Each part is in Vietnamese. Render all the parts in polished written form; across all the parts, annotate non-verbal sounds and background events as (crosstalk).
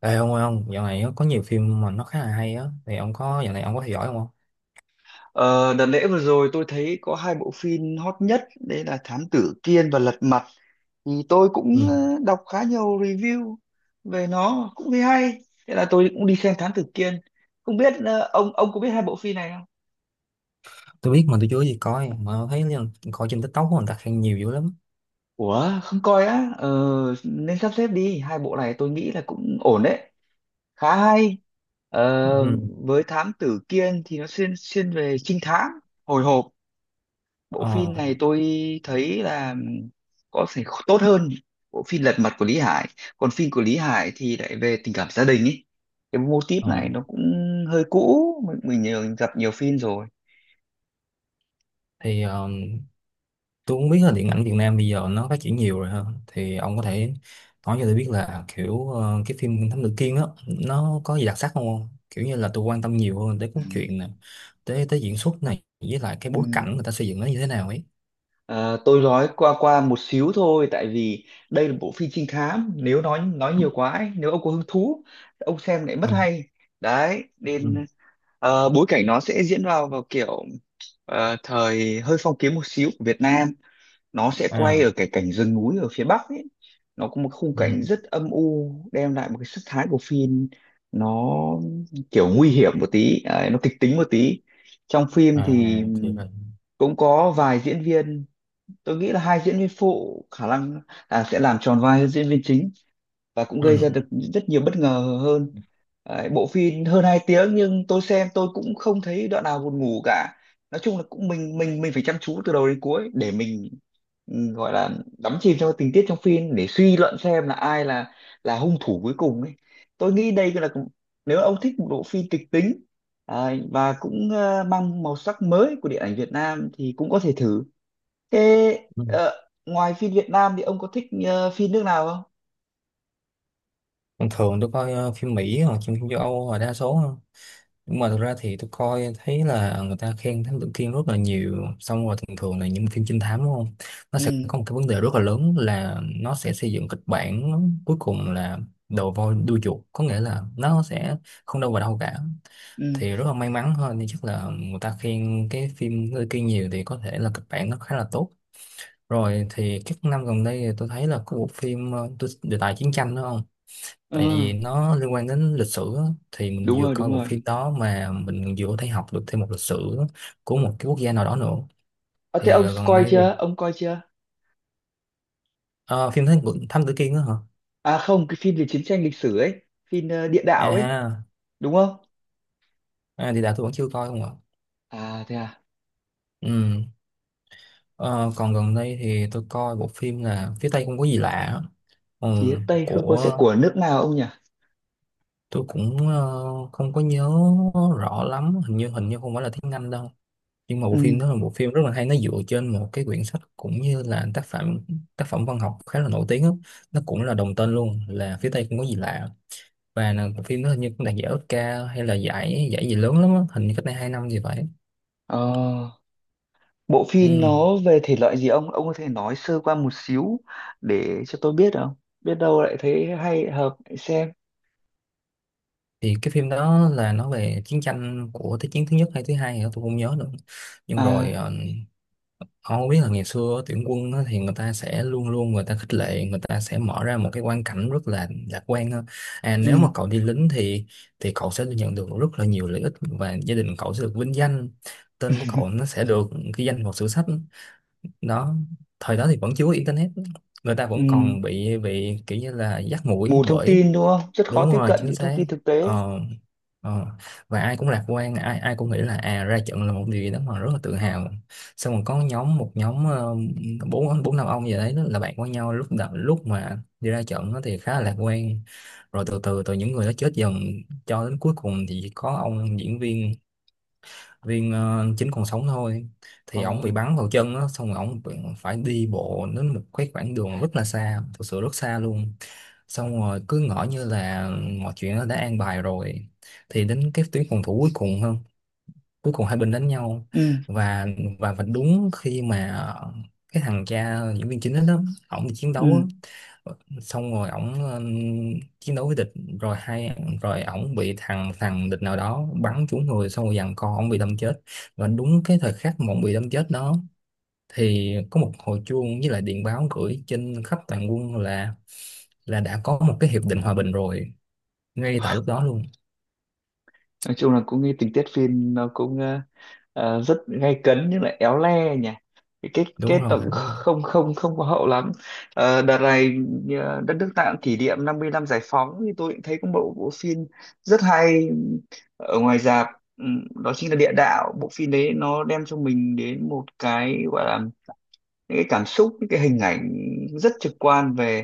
Ê ông ơi ông, dạo này á, có nhiều phim mà nó khá là hay á, thì ông có dạo này ông có theo dõi không? Ờ, đợt lễ vừa rồi tôi thấy có hai bộ phim hot nhất đấy là Thám Tử Kiên và Lật Mặt thì tôi cũng Ừ. Đọc khá nhiều review về nó cũng thấy hay. Thế là tôi cũng đi xem Thám Tử Kiên. Không biết ông có biết hai bộ phim này không? Tôi biết mà tôi chưa gì coi, mà thấy là coi trên TikTok của người ta khen nhiều dữ lắm. Ủa không coi á? Ờ, Nên sắp xếp đi, hai bộ này tôi nghĩ là cũng ổn đấy, khá hay. Ừ. Với Thám Tử Kiên thì nó xuyên xuyên về trinh thám, hồi hộp. Bộ phim Ờ, này tôi thấy là có thể tốt hơn bộ phim Lật Mặt của Lý Hải. Còn phim của Lý Hải thì lại về tình cảm gia đình ấy, cái mô típ ờ. này nó cũng hơi cũ, mình nhiều gặp nhiều phim rồi. Thì tôi cũng biết là điện ảnh Việt Nam bây giờ nó phát triển nhiều rồi ha. Thì ông có thể nói cho tôi biết là kiểu cái phim Thám Tử Kiên á, nó có gì đặc sắc không? Kiểu như là tôi quan tâm nhiều hơn tới Ừ. cốt truyện này, tới tới diễn xuất này, với lại cái Ừ. bối cảnh người ta xây dựng nó như thế nào ấy. À, tôi nói qua qua một xíu thôi, tại vì đây là bộ phim trinh thám, nếu nói nhiều quá ấy, nếu ông có hứng thú ông xem lại mất Ừ. hay. Đấy Ừ. nên bối cảnh nó sẽ diễn vào vào kiểu thời hơi phong kiến một xíu của Việt Nam. Nó sẽ quay À. ở cái cảnh rừng núi ở phía Bắc ấy, nó có một khung Ừ. cảnh rất âm u, đem lại một cái sắc thái của phim. Nó kiểu nguy hiểm một tí ấy, nó kịch tính một tí. Trong phim thì À, thì vậy. cũng có vài diễn viên, tôi nghĩ là hai diễn viên phụ khả năng là sẽ làm tròn vai hơn diễn viên chính, và cũng Ừ. gây ra được rất nhiều bất ngờ hơn. Đấy, bộ phim hơn 2 tiếng nhưng tôi xem tôi cũng không thấy đoạn nào buồn ngủ cả. Nói chung là cũng mình phải chăm chú từ đầu đến cuối để mình gọi là đắm chìm trong tình tiết trong phim để suy luận xem là ai là hung thủ cuối cùng ấy. Tôi nghĩ đây là, nếu ông thích một bộ phim kịch tính, à, và cũng mang màu sắc mới của điện ảnh Việt Nam thì cũng có thể thử. Thế Ừ. ờ, ngoài phim Việt Nam thì ông có thích phim nước nào không? Thường thường tôi coi phim Mỹ hoặc phim châu Âu là đa số hơn. Nhưng mà thực ra thì tôi coi thấy là người ta khen Thám Tử Kiên rất là nhiều. Xong rồi thường thường là những phim trinh thám đúng không? Nó Ừ. sẽ có một cái vấn đề rất là lớn là nó sẽ xây dựng kịch bản cuối cùng là đầu voi đuôi chuột. Có nghĩa là nó sẽ không đâu vào đâu cả. Ừ. Thì rất là may mắn thôi. Nhưng chắc là người ta khen cái phim Thám Tử Kiên nhiều thì có thể là kịch bản nó khá là tốt. Rồi thì các năm gần đây thì tôi thấy là có bộ phim đề tài chiến tranh đúng không? Ờ, Tại vì nó liên quan đến lịch sử á, thì mình đúng vừa rồi coi đúng bộ rồi. phim đó mà mình vừa có thể học được thêm một lịch sử của một cái quốc gia nào đó nữa. À, thế Thì ông gần coi đây thì chưa, ông coi chưa? ờ, phim Thám Tử Kiên đó hả? À không, cái phim về chiến tranh lịch sử ấy, phim địa đạo ấy, À, đúng không? à, thì đã tôi vẫn chưa coi không ạ. À thế à? Ừ. Ờ, còn gần đây thì tôi coi bộ phim là phía Tây không có gì lạ á. Ừ. Phía Tây không có sẽ Của của nước nào ông nhỉ? tôi cũng không có nhớ rõ lắm, hình như không phải là tiếng Anh đâu, nhưng mà bộ phim Ừ. đó là một phim rất là hay, nó dựa trên một cái quyển sách cũng như là tác phẩm văn học khá là nổi tiếng á. Nó cũng là đồng tên luôn là phía Tây không có gì lạ, và là bộ phim đó hình như cũng đạt giải Oscar hay là giải giải gì lớn lắm á. Hình như cách đây 2 năm gì vậy. Ờ, bộ phim Ừ. nó về thể loại gì, ông có thể nói sơ qua một xíu để cho tôi biết không, biết đâu lại thấy hay hợp lại xem. Thì cái phim đó là nói về chiến tranh của thế chiến thứ nhất hay thứ hai thì tôi không nhớ nữa. Nhưng rồi À. Ông biết là ngày xưa tuyển quân á, thì người ta sẽ luôn luôn người ta khích lệ, người ta sẽ mở ra một cái quan cảnh rất là lạc quan á. À, nếu mà Ừ. cậu đi lính thì cậu sẽ nhận được rất là nhiều lợi ích, và gia đình cậu sẽ được vinh danh, tên của cậu nó sẽ được ghi danh vào sử sách đó. Thời đó thì vẫn chưa có internet, người ta Ừ. vẫn còn bị kiểu như là dắt mũi Mù thông bởi. tin đúng không, rất khó Đúng tiếp rồi, cận chính những thông xác. tin thực tế. Ờ, ờ. Và ai cũng lạc quan, ai ai cũng nghĩ là à ra trận là một điều gì đó mà rất là tự hào. Xong rồi có nhóm một nhóm bốn bốn năm ông gì đấy đó là bạn với nhau lúc đầu, lúc mà đi ra trận á thì khá là lạc quan. Rồi từ từ từ những người đó chết dần, cho đến cuối cùng thì chỉ có ông diễn viên viên ờ, chính còn sống thôi. Ờ. Thì ổng bị bắn vào chân á, xong rồi ổng phải đi bộ đến một cái khoảng đường rất là xa, thực sự rất xa luôn. Xong rồi cứ ngỡ như là mọi chuyện nó đã an bài rồi. Thì đến cái tuyến phòng thủ cuối cùng hai bên đánh nhau, Ừ. và và đúng khi mà cái thằng cha diễn viên chính đó, đó ổng đi chiến Ừ. đấu á, xong rồi ổng chiến đấu với địch, rồi hai rồi ổng bị thằng thằng địch nào đó bắn trúng người, xong rồi giằng co ổng bị đâm chết. Và đúng cái thời khắc mà ổng bị đâm chết đó, thì có một hồi chuông với lại điện báo gửi trên khắp toàn quân là đã có một cái hiệp định hòa bình rồi, ngay tại lúc đó luôn. Nói chung là cũng cái tình tiết phim nó cũng rất gay cấn nhưng lại éo le nhỉ. cái kết Đúng kết nó rồi, cũng đúng rồi. không không không có hậu lắm. Ờ, đợt này đất nước ta cũng kỷ niệm 50 năm giải phóng thì tôi cũng thấy có một bộ phim rất hay ở ngoài rạp. Đó chính là Địa Đạo. Bộ phim đấy nó đem cho mình đến một cái gọi là những cái cảm xúc, những cái hình ảnh rất trực quan về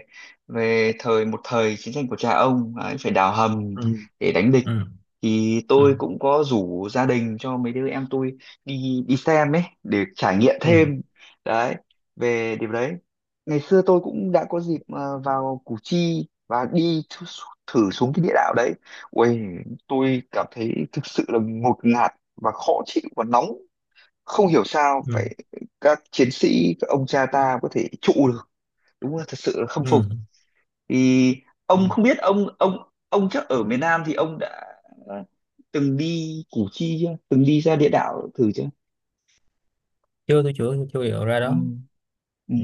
về thời một thời chiến tranh của cha ông ấy, phải đào hầm ừ, để đánh địch. ừ, Thì ừ, tôi cũng có rủ gia đình cho mấy đứa em tôi đi đi xem ấy để trải nghiệm ừ, thêm. Đấy, về điểm đấy, ngày xưa tôi cũng đã có dịp vào Củ Chi và đi thử, thử xuống cái địa đạo đấy. Ui, tôi cảm thấy thực sự là ngột ngạt và khó chịu và nóng, không hiểu sao ừ. phải các chiến sĩ, các ông cha ta có thể trụ được, đúng là thật sự là khâm Ừ. phục. Thì Ừ. ông không biết, ông chắc ở miền Nam thì ông đã ờ, từng đi Củ Chi chưa, từng đi ra địa đạo thử chưa? Chưa, tôi chưa chưa hiểu ra Ừ. đó. Ừ. Ừ.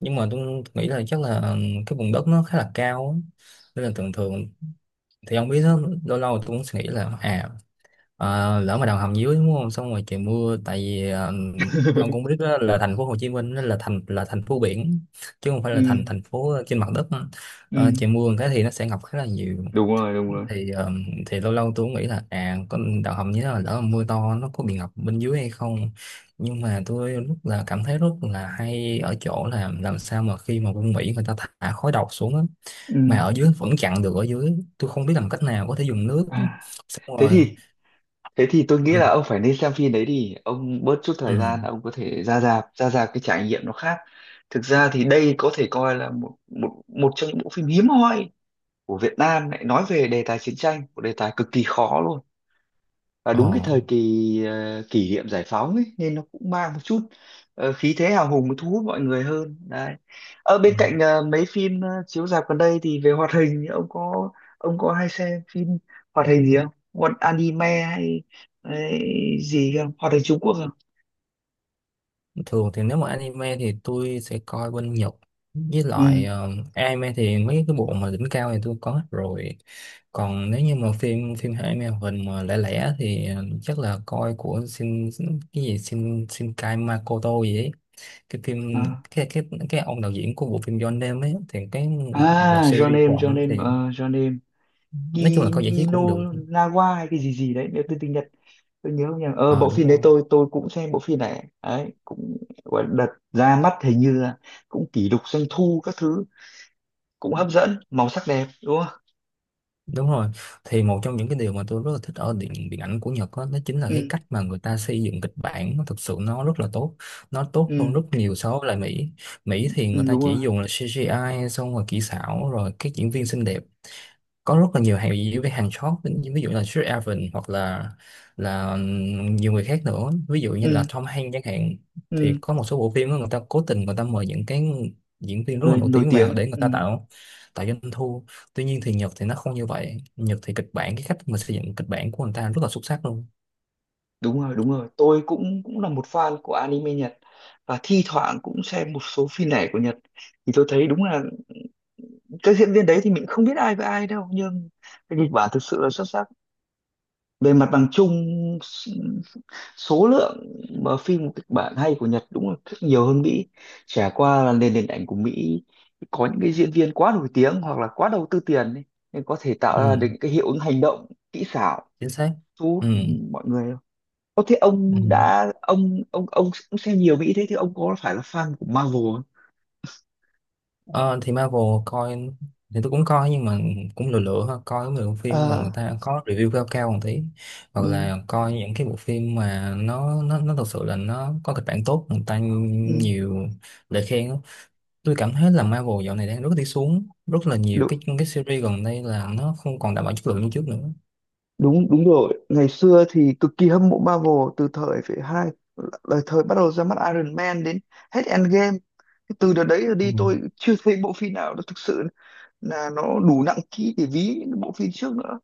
Nhưng mà tôi nghĩ là chắc là cái vùng đất nó khá là cao á, nên là thường thường thì ông biết đó, lâu lâu tôi cũng suy nghĩ là à, lỡ mà đào hầm dưới đúng không, xong rồi trời mưa, tại vì ông cũng biết (laughs) đó là thành phố Hồ Chí Minh nó là thành phố biển, chứ không phải là thành Ừ. thành phố trên mặt đất. Ừ. Trời mưa một cái thì nó sẽ ngập khá là nhiều. Đúng rồi đúng rồi. thì ờ, thì lâu lâu tôi cũng nghĩ là à con đào hầm như thế là lỡ mà mưa to nó có bị ngập bên dưới hay không. Nhưng mà tôi rất là cảm thấy rất là hay ở chỗ là làm sao mà khi mà quân Mỹ người ta thả khói độc xuống á, Ừ. mà ở dưới vẫn chặn được ở dưới, tôi không biết làm cách nào có thể dùng nước. À. Xong thế rồi. thì thế thì tôi nghĩ Ừ. là ông phải nên xem phim đấy đi, ông bớt chút thời Ừ. gian ông có thể ra rạp, ra rạp cái trải nghiệm nó khác. Thực ra thì đây có thể coi là một một một trong những bộ phim hiếm hoi của Việt Nam lại nói về đề tài chiến tranh, một đề tài cực kỳ khó luôn, và đúng cái Ờ, thời kỳ kỷ niệm giải phóng ấy nên nó cũng mang một chút khí thế hào hùng thu hút mọi người hơn đấy. Ở bên cạnh mấy phim chiếu rạp gần đây thì về hoạt hình, thì ông có, ông có hay xem phim hoạt hình gì không? Một anime hay, hay gì không? Hoạt hình Trung Quốc không? Thường thì nếu mà anime thì tôi sẽ coi bên Nhật, với Ừ. lại anime thì mấy cái bộ mà đỉnh cao thì tôi có hết rồi. Còn nếu như mà phim phim anime hoạt hình mà lẻ lẻ thì chắc là coi của Shin, cái gì Shinkai Makoto gì ấy. Cái phim À, cái cái cái ông đạo diễn của bộ phim Your Name ấy, thì cái một là à Your series của Name, Your ổng thì Name, Your Name nói chung là coi giải trí cũng được. Kiminawa hay cái gì gì đấy, nếu tôi tiếng Nhật tôi nhớ không nhầm. Ờ, Ờ, bộ đúng phim đấy rồi. tôi cũng xem bộ phim này, đấy cũng gọi là đợt ra mắt hình như là cũng kỷ lục doanh thu các thứ, cũng hấp dẫn, màu sắc đẹp đúng không? Đúng rồi, thì một trong những cái điều mà tôi rất là thích ở điện điện ảnh của Nhật đó, chính là cái Ừ. cách mà người ta xây dựng kịch bản, nó thực sự nó rất là tốt, nó tốt hơn ừ, rất nhiều so với lại Mỹ. Mỹ thì ừ người ta đúng chỉ rồi. dùng là CGI xong rồi kỹ xảo rồi các diễn viên xinh đẹp, có rất là nhiều hàng review với hàng short, ví ví dụ là Sir Evan hoặc là nhiều người khác nữa, ví dụ như là Ừ. Tom Hanks chẳng hạn. Thì Ừ. có một số bộ phim á, người ta cố tình người ta mời những cái diễn viên rất là Rồi nổi nổi tiếng vào tiếng. để người Ừ ta tạo tạo doanh thu. Tuy nhiên thì Nhật thì nó không như vậy, Nhật thì kịch bản, cái cách mà xây dựng kịch bản của người ta rất là xuất sắc luôn. đúng rồi đúng rồi, tôi cũng cũng là một fan của anime Nhật và thi thoảng cũng xem một số phim lẻ của Nhật. Thì tôi thấy đúng là các diễn viên đấy thì mình không biết ai với ai đâu, nhưng cái kịch bản thực sự là xuất sắc. Về mặt bằng chung s- số lượng mà phim kịch bản hay của Nhật đúng là rất nhiều hơn Mỹ, chả qua là nền điện ảnh của Mỹ có những cái diễn viên quá nổi tiếng hoặc là quá đầu tư tiền ấy, nên có thể tạo ra Ừ, được những cái hiệu ứng hành động kỹ xảo chính xác. thu hút Ừ. mọi người không? Thế Ừ. ông đã, ông cũng xem nhiều Mỹ, thế thì ông có phải là fan của Marvel không? Ờ, thì Marvel coi, thì tôi cũng coi nhưng mà cũng lựa lựa thôi, coi mấy bộ phim mà Ờ, người ta có review cao cao một tí, hoặc ừ, là coi những cái bộ phim mà nó thật sự là nó có kịch bản tốt, người ta ừ, nhiều lời khen á. Tôi cảm thấy là Marvel dạo này đang rất đi xuống, rất là nhiều đúng cái series gần đây là nó không còn đảm bảo chất lượng như trước nữa. đúng đúng rồi, ngày xưa thì cực kỳ hâm mộ Marvel từ thời phải hai lời, thời bắt đầu ra mắt Iron Man đến hết Endgame. Thế từ đợt đấy rồi Ừ, đi tôi chưa thấy bộ phim nào nó thực sự là nó đủ nặng ký để ví những bộ phim trước nữa.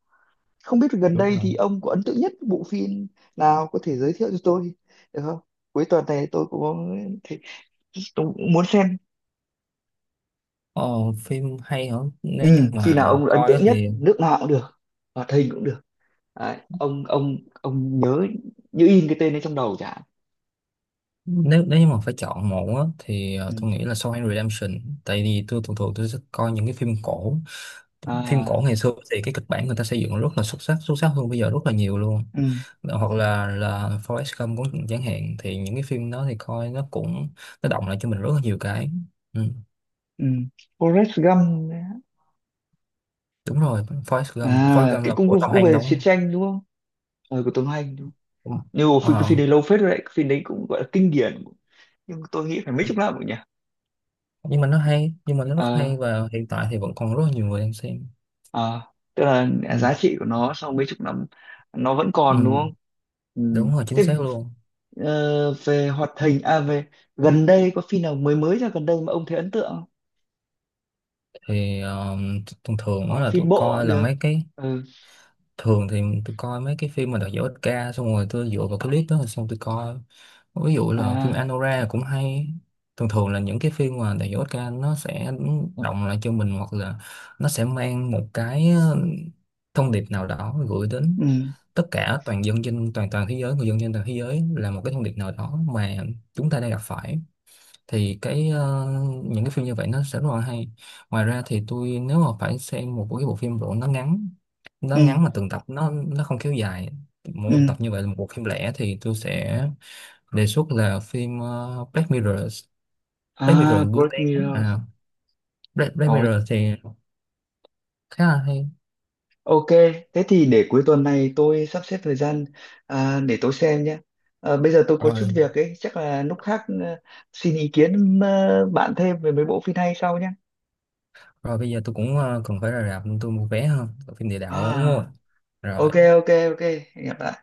Không biết gần đúng đây thì rồi. ông có ấn tượng nhất bộ phim nào, có thể giới thiệu cho tôi được không? Cuối tuần này tôi cũng có thể- tôi cũng muốn xem. ờ, Phim hay hả? Nếu như Ừ, phim nào mà ông ấn coi á tượng nhất, thì, nước nào cũng được, hoạt hình cũng được. Đấy, ông nhớ như in cái tên ấy trong đầu chả. nếu nếu như mà phải chọn một á, thì tôi nghĩ là Shawshank Redemption, tại vì tôi thường thường tôi sẽ coi những cái phim cổ. Phim cổ À. ngày xưa thì cái kịch bản người ta xây dựng rất là xuất sắc, xuất sắc hơn bây giờ rất là nhiều luôn. Ừ. Hoặc là Forrest Gump cũng chẳng hạn, thì những cái phim đó thì coi nó cũng nó động lại cho mình rất là nhiều cái. Ừ, Ừ. Forrest Gump đấy. đúng rồi. Forrest Gump Forrest À Gump cái là của cũng Tom cũng Hanks về đóng. chiến tranh đúng không? Ờ, của Tom Hanks đúng không? Nhưng mà phim, cái Ờ, phim đấy lâu phết rồi đấy, cái phim đấy cũng gọi là kinh điển. Nhưng mà tôi nghĩ phải mấy chục năm rồi nhỉ. nhưng mà nó rất Ờ. hay, và hiện tại thì vẫn còn rất là nhiều người đang xem. Ờ, tức là Ừ, giá trị của nó sau mấy chục năm nó vẫn ừ, còn đúng không? Ừ. đúng rồi chính Thế xác luôn. Về hoạt hình, à về gần đây có phim nào mới mới ra gần đây mà ông thấy ấn tượng không? Thì thông thường Hoặc đó là là tôi phim bộ cũng coi là được. mấy cái, Ừ. thường thì tôi coi mấy cái phim mà đạt giải Oscar, xong rồi tôi dựa vào cái clip đó rồi xong tôi coi. Ví dụ là phim À. Anora cũng hay. Thường thường là những cái phim mà đạt giải Oscar nó sẽ động lại cho mình, hoặc là nó sẽ mang một cái thông điệp nào đó gửi đến Ừ. tất cả toàn dân trên toàn toàn thế giới, người dân trên toàn thế giới, là một cái thông điệp nào đó mà chúng ta đang gặp phải. Thì cái những cái phim như vậy nó sẽ rất là hay. Ngoài ra thì tôi nếu mà phải xem một cái bộ phim bộ, nó ngắn, nó Ừ. ngắn mà từng tập nó không kéo dài, mỗi Ừ. một tập như vậy là một bộ phim lẻ, thì tôi sẽ đề xuất là phim Black Mirror. Black Mirror À, gương Black đen Mirror. à, Black Ồ. Mirror thì khá là hay. Ok, thế thì để cuối tuần này tôi sắp xếp thời gian, à, để tôi xem nhé. À, bây giờ tôi có chút Rồi, việc ấy, chắc là lúc khác, à, xin ý kiến, à, bạn thêm về mấy bộ phim hay sau nhé. rồi bây giờ tôi cũng cần phải ra rạp nên tôi mua vé hơn phim Địa Đạo đúng À, không? ok, Rồi. ok, ok, hẹn gặp lại.